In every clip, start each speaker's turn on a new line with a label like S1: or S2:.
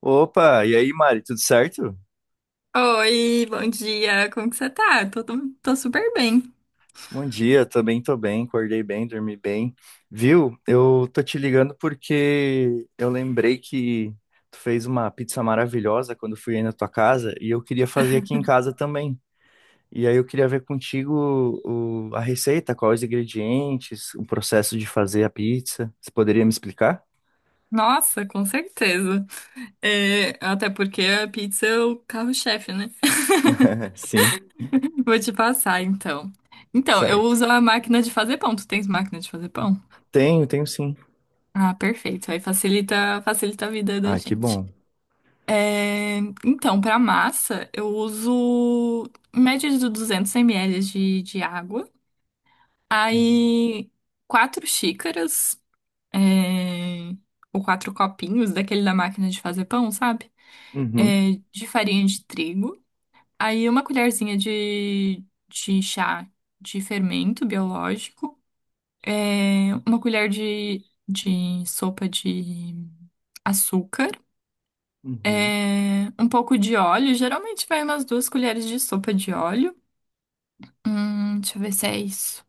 S1: Opa, e aí, Mari, tudo certo?
S2: Oi, bom dia. Como que você tá? Tô super bem.
S1: Bom dia, também tô bem, acordei bem, dormi bem. Viu? Eu tô te ligando porque eu lembrei que tu fez uma pizza maravilhosa quando eu fui aí na tua casa e eu queria fazer aqui em casa também. E aí eu queria ver contigo a receita, quais os ingredientes, o processo de fazer a pizza. Você poderia me explicar?
S2: Nossa, com certeza. É, até porque a pizza é o carro-chefe, né?
S1: Sim,
S2: Vou te passar, então. Então, eu
S1: certo.
S2: uso a máquina de fazer pão. Tu tens máquina de fazer pão?
S1: Tenho, tenho sim.
S2: Ah, perfeito. Aí facilita a vida da
S1: Ah, que
S2: gente.
S1: bom.
S2: É, então, para massa, eu uso em média de 200 ml de água.
S1: Uhum.
S2: Aí, 4 xícaras. é, o 4 copinhos daquele da máquina de fazer pão, sabe?
S1: Uhum.
S2: É, de farinha de trigo. Aí uma colherzinha de chá de fermento biológico. É, uma colher de sopa de açúcar.
S1: Uhum.
S2: É, um pouco de óleo. Geralmente vai umas 2 colheres de sopa de óleo. Deixa eu ver se é isso.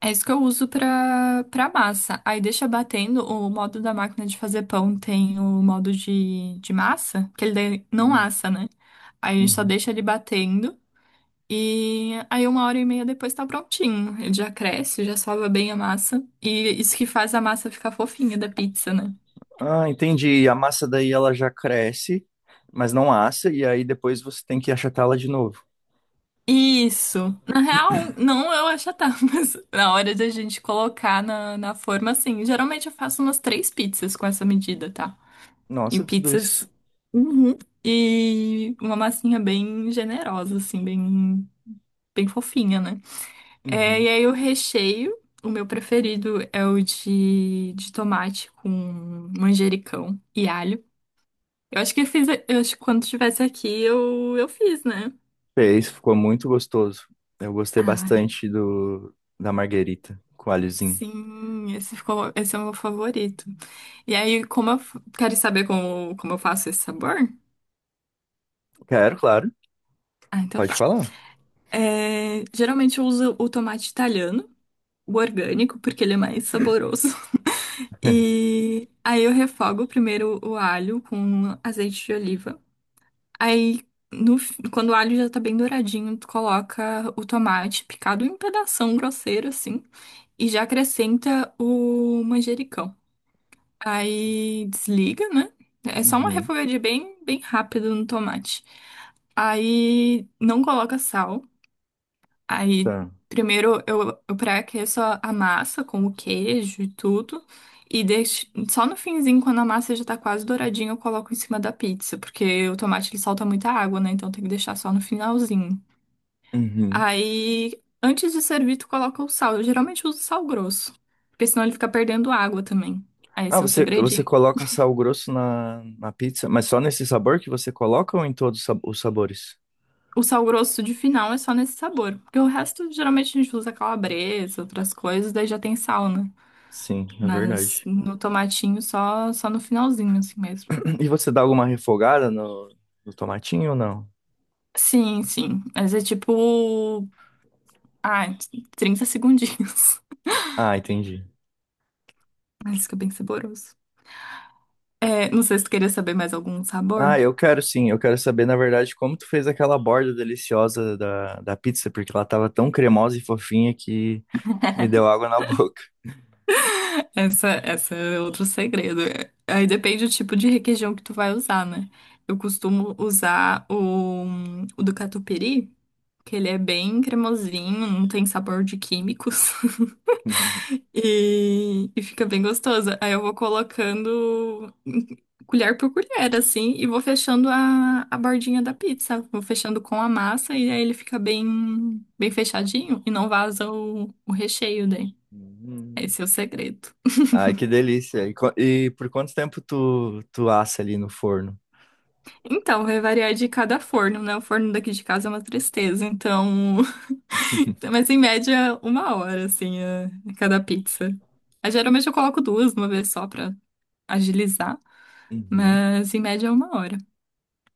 S2: É isso que eu uso pra massa. Aí deixa batendo. O modo da máquina de fazer pão tem o modo de massa, que ele daí não assa, né? Aí a gente só
S1: Uhum.
S2: deixa ele batendo. E aí 1 hora e meia depois tá prontinho. Ele já cresce, já sova bem a massa. E isso que faz a massa ficar fofinha da pizza, né?
S1: Ah, entendi. A massa daí ela já cresce, mas não assa, e aí depois você tem que achatá-la de novo.
S2: Isso. Na real, não eu achatar, mas na hora da gente colocar na forma, assim. Geralmente eu faço umas três pizzas com essa medida, tá? E
S1: Nossa, tudo
S2: pizzas.
S1: isso.
S2: Uhum. E uma massinha bem generosa, assim, bem, bem fofinha, né? É, e
S1: Uhum.
S2: aí o recheio, o meu preferido é o de tomate com manjericão e alho. Eu acho que quando estivesse aqui eu fiz, né?
S1: Fez, ficou muito gostoso. Eu gostei
S2: Ah,
S1: bastante do da marguerita com alhozinho.
S2: sim, esse é o meu favorito. E aí, quero saber como eu faço esse sabor?
S1: Quero, claro.
S2: Ah, então
S1: Pode
S2: tá.
S1: falar.
S2: É, geralmente eu uso o tomate italiano. O orgânico, porque ele é mais saboroso. E aí eu refogo primeiro o alho com azeite de oliva. Aí, no, fi- quando o alho já tá bem douradinho, tu coloca o tomate picado em pedação grosseiro, assim, e já acrescenta o manjericão. Aí desliga, né? É só uma
S1: Uhum,
S2: refogadinha bem, bem rápida no tomate. Aí não coloca sal. Aí,
S1: tá.
S2: primeiro eu pré-aqueço a massa com o queijo e tudo. E deixo, só no finzinho, quando a massa já tá quase douradinha, eu coloco em cima da pizza, porque o tomate ele solta muita água, né? Então tem que deixar só no finalzinho.
S1: Uhum.
S2: Aí, antes de servir, tu coloca o sal. Eu geralmente uso sal grosso, porque senão ele fica perdendo água também. Aí
S1: Ah,
S2: esse é o
S1: você
S2: segredinho.
S1: coloca sal grosso na pizza, mas só nesse sabor que você coloca ou em todos os os sabores?
S2: O sal grosso de final é só nesse sabor, porque o resto geralmente a gente usa calabresa, outras coisas, daí já tem sal, né?
S1: Sim, é
S2: Mas
S1: verdade.
S2: no tomatinho só no finalzinho, assim mesmo.
S1: E você dá alguma refogada no tomatinho ou não?
S2: Sim, sim. Mas é tipo. Ah, 30 segundinhos.
S1: Ah, entendi.
S2: Mas fica bem saboroso. É, não sei se tu queria saber mais algum sabor.
S1: Ah, eu quero sim. Eu quero saber, na verdade, como tu fez aquela borda deliciosa da pizza, porque ela tava tão cremosa e fofinha que me deu água na boca.
S2: Essa é outro segredo. Aí depende do tipo de requeijão que tu vai usar, né? Eu costumo usar o do Catupiry, que ele é bem cremosinho, não tem sabor de químicos. E fica bem gostosa. Aí eu vou colocando colher por colher, assim, e vou fechando a bordinha da pizza. Vou fechando com a massa e aí ele fica bem, bem fechadinho e não vaza o recheio daí.
S1: Hum.
S2: Esse é o segredo.
S1: Ai, que delícia. E, e por quanto tempo tu assa ali no forno?
S2: Então, vai variar de cada forno, né? O forno daqui de casa é uma tristeza, então. Mas em média, 1 hora, assim, cada pizza. Aí, geralmente eu coloco duas, uma vez só pra agilizar,
S1: Uhum.
S2: mas em média é 1 hora.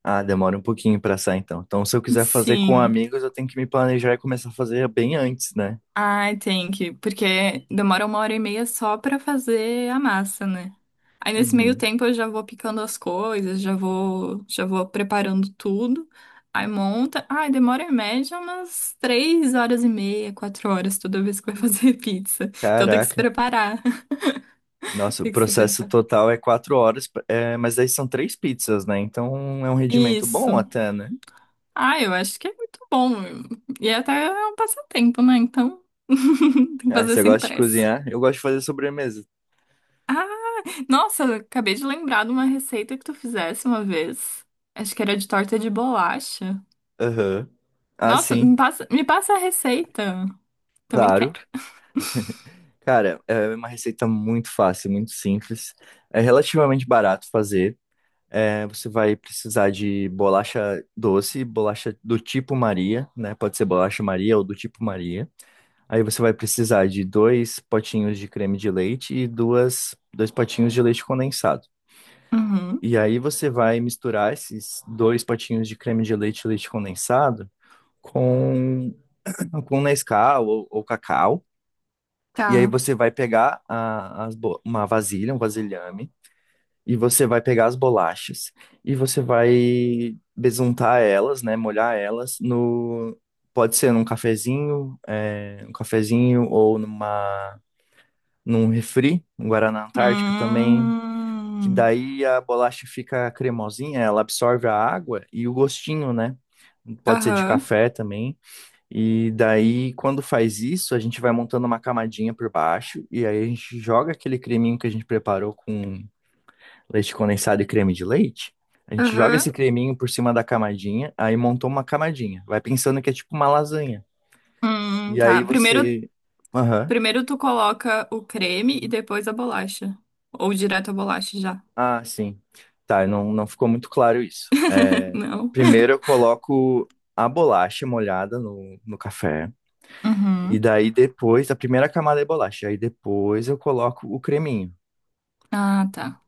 S1: Ah, demora um pouquinho pra assar, então. Então, se eu quiser fazer com
S2: Sim.
S1: amigos, eu tenho que me planejar e começar a fazer bem antes, né?
S2: Ai, tem que, porque demora 1 hora e meia só pra fazer a massa, né? Aí nesse meio
S1: Uhum.
S2: tempo eu já vou picando as coisas, já vou preparando tudo. Aí monta. Ai, demora em média umas 3 horas e meia, 4 horas toda vez que vai fazer pizza. Então tem que se
S1: Caraca,
S2: preparar,
S1: nossa, o
S2: tem que se
S1: processo
S2: preparar.
S1: total é 4 horas, é, mas aí são três pizzas, né? Então é um rendimento bom
S2: Isso.
S1: até, né?
S2: Ah, eu acho que é muito bom. E até é um passatempo, né? Então, tem que
S1: Ah,
S2: fazer
S1: você
S2: sem
S1: gosta de
S2: pressa.
S1: cozinhar? Eu gosto de fazer sobremesa.
S2: Nossa, eu acabei de lembrar de uma receita que tu fizesse uma vez. Acho que era de torta de bolacha.
S1: Aham. Ah,
S2: Nossa,
S1: sim,
S2: me passa a receita. Também quero.
S1: claro. Cara, é uma receita muito fácil, muito simples. É relativamente barato fazer. É, você vai precisar de bolacha doce, bolacha do tipo Maria, né? Pode ser bolacha Maria ou do tipo Maria. Aí você vai precisar de dois potinhos de creme de leite e duas, dois potinhos de leite condensado.
S2: Uhum,
S1: E aí você vai misturar esses dois potinhos de creme de leite, leite condensado, com, com Nescau ou cacau. E aí
S2: tá.
S1: você vai pegar uma vasilha, um vasilhame, e você vai pegar as bolachas e você vai besuntar elas, né, molhar elas no pode ser num cafezinho, é, um cafezinho ou num refri, um Guaraná Antártica também, que
S2: Hum,
S1: daí a bolacha fica cremosinha, ela absorve a água e o gostinho, né? Pode ser de
S2: aham,
S1: café também. E daí, quando faz isso, a gente vai montando uma camadinha por baixo e aí a gente joga aquele creminho que a gente preparou com leite condensado e creme de leite. A gente joga
S2: aham.
S1: esse creminho por cima da camadinha, aí montou uma camadinha. Vai pensando que é tipo uma lasanha. E aí
S2: Tá. Primeiro
S1: você. Aham.
S2: Primeiro tu coloca o creme e depois a bolacha. Ou direto a bolacha já.
S1: Ah, sim. Tá, não, não ficou muito claro isso. É,
S2: Não.
S1: primeiro eu coloco a bolacha molhada no café. E
S2: Uhum,
S1: daí depois, a primeira camada é bolacha. Aí depois eu coloco o creminho,
S2: ah, tá.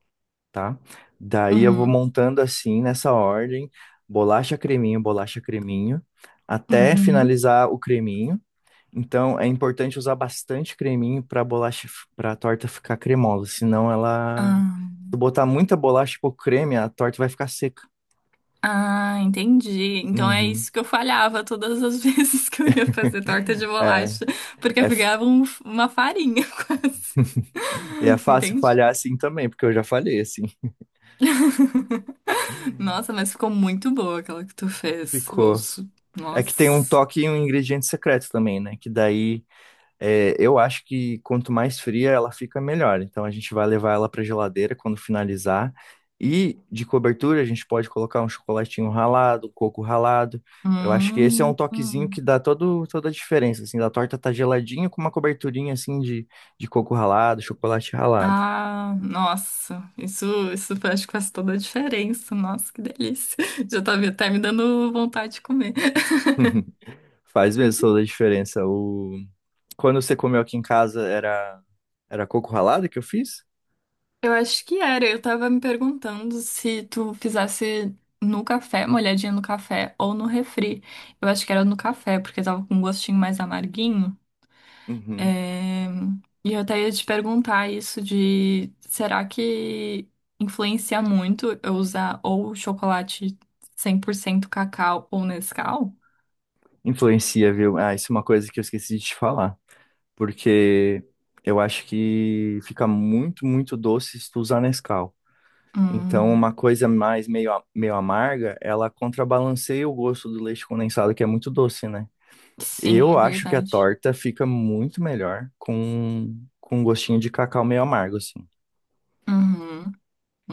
S1: tá? Daí eu vou
S2: Uhum,
S1: montando assim, nessa ordem: bolacha, creminho, até
S2: uhum.
S1: finalizar o creminho. Então é importante usar bastante creminho para bolacha, para a torta ficar cremosa, senão ela.
S2: Ah,
S1: Se tu botar muita bolacha e pouco creme, a torta vai ficar seca.
S2: ah, entendi. Então é
S1: Uhum.
S2: isso que eu falhava todas as vezes que eu ia fazer torta de
S1: É,
S2: bolacha, porque
S1: é,
S2: eu
S1: f-
S2: pegava uma farinha quase.
S1: e é fácil
S2: Entendi.
S1: falhar assim também, porque eu já falhei assim.
S2: Nossa, mas ficou muito boa aquela que tu fez. Eu,
S1: Ficou.
S2: su-
S1: É que tem um
S2: nossa.
S1: toque e um ingrediente secreto também, né? Que daí é, eu acho que quanto mais fria ela fica, melhor. Então a gente vai levar ela para geladeira quando finalizar. E de cobertura a gente pode colocar um chocolatinho ralado, um coco ralado. Eu acho que esse é um toquezinho que
S2: Hum.
S1: dá todo, toda a diferença, assim, da torta tá geladinha com uma coberturinha assim de coco ralado, chocolate ralado.
S2: Ah, nossa, isso acho que faz toda a diferença. Nossa, que delícia. Tá me dando vontade de comer.
S1: Faz mesmo toda a diferença. Quando você comeu aqui em casa, era coco ralado que eu fiz?
S2: Eu acho que era. Eu tava me perguntando se tu fizesse no café, molhadinha no café ou no refri. Eu acho que era no café, porque tava com um gostinho mais amarguinho.
S1: Uhum.
S2: É, E eu até ia te perguntar isso de será que influencia muito eu usar ou chocolate 100% cacau ou Nescau?
S1: Influencia, viu? Ah, isso é uma coisa que eu esqueci de te falar. Porque eu acho que fica muito, muito doce se tu usar Nescau. Então, uma
S2: Hum,
S1: coisa mais meio, meio amarga, ela contrabalanceia o gosto do leite condensado, que é muito doce, né?
S2: sim, é
S1: Eu acho que a
S2: verdade.
S1: torta fica muito melhor com um gostinho de cacau meio amargo, assim.
S2: Uhum,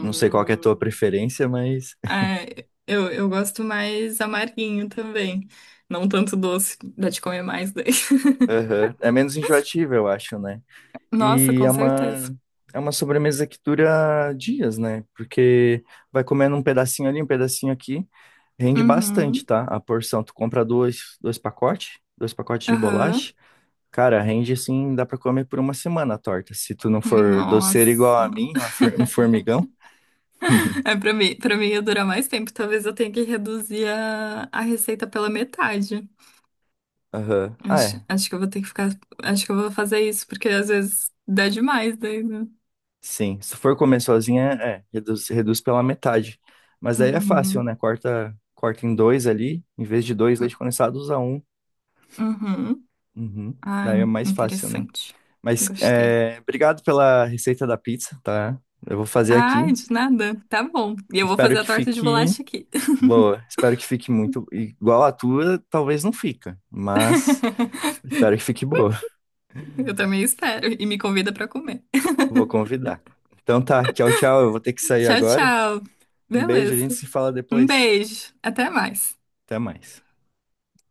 S1: Não sei qual que é a tua preferência, mas
S2: É, eu gosto mais amarguinho também. Não tanto doce, dá de comer mais daí.
S1: aham. É menos enjoativo, eu acho, né?
S2: Nossa,
S1: E
S2: com
S1: é
S2: certeza.
S1: uma, é uma sobremesa que dura dias, né? Porque vai comendo um pedacinho ali, um pedacinho aqui, rende bastante,
S2: Uhum,
S1: tá? A porção, tu compra dois, pacotes, dois pacotes de
S2: aham.
S1: bolacha, cara, rende assim, dá pra comer por uma semana a torta, se tu não for doceiro igual a
S2: Nossa.
S1: mim, um formigão.
S2: É, pra mim ia durar mais tempo. Talvez eu tenha que reduzir a receita pela metade.
S1: Aham. Ah,
S2: Acho,
S1: é.
S2: acho que eu vou ter que ficar. Acho que eu vou fazer isso, porque às vezes dá demais daí, né?
S1: Sim, se for comer sozinha, é, reduz pela metade. Mas aí é fácil,
S2: Uhum,
S1: né? Corta em dois ali, em vez de dois leite condensado, usa um.
S2: uhum.
S1: Uhum.
S2: Ai,
S1: Daí é mais fácil, né?
S2: interessante.
S1: Mas
S2: Gostei.
S1: é, obrigado pela receita da pizza, tá? Eu vou fazer
S2: Ai,
S1: aqui.
S2: de nada. Tá bom. E eu vou
S1: Espero
S2: fazer a
S1: que
S2: torta de
S1: fique
S2: bolacha aqui.
S1: boa. Espero que fique muito igual a tua, talvez não fica, mas espero que fique boa.
S2: Eu também espero. E me convida pra comer.
S1: Vou convidar. Então tá, tchau, tchau. Eu vou ter que sair
S2: Tchau,
S1: agora.
S2: tchau.
S1: Um beijo, a gente
S2: Beleza.
S1: se fala
S2: Um
S1: depois.
S2: beijo. Até mais.
S1: Até mais.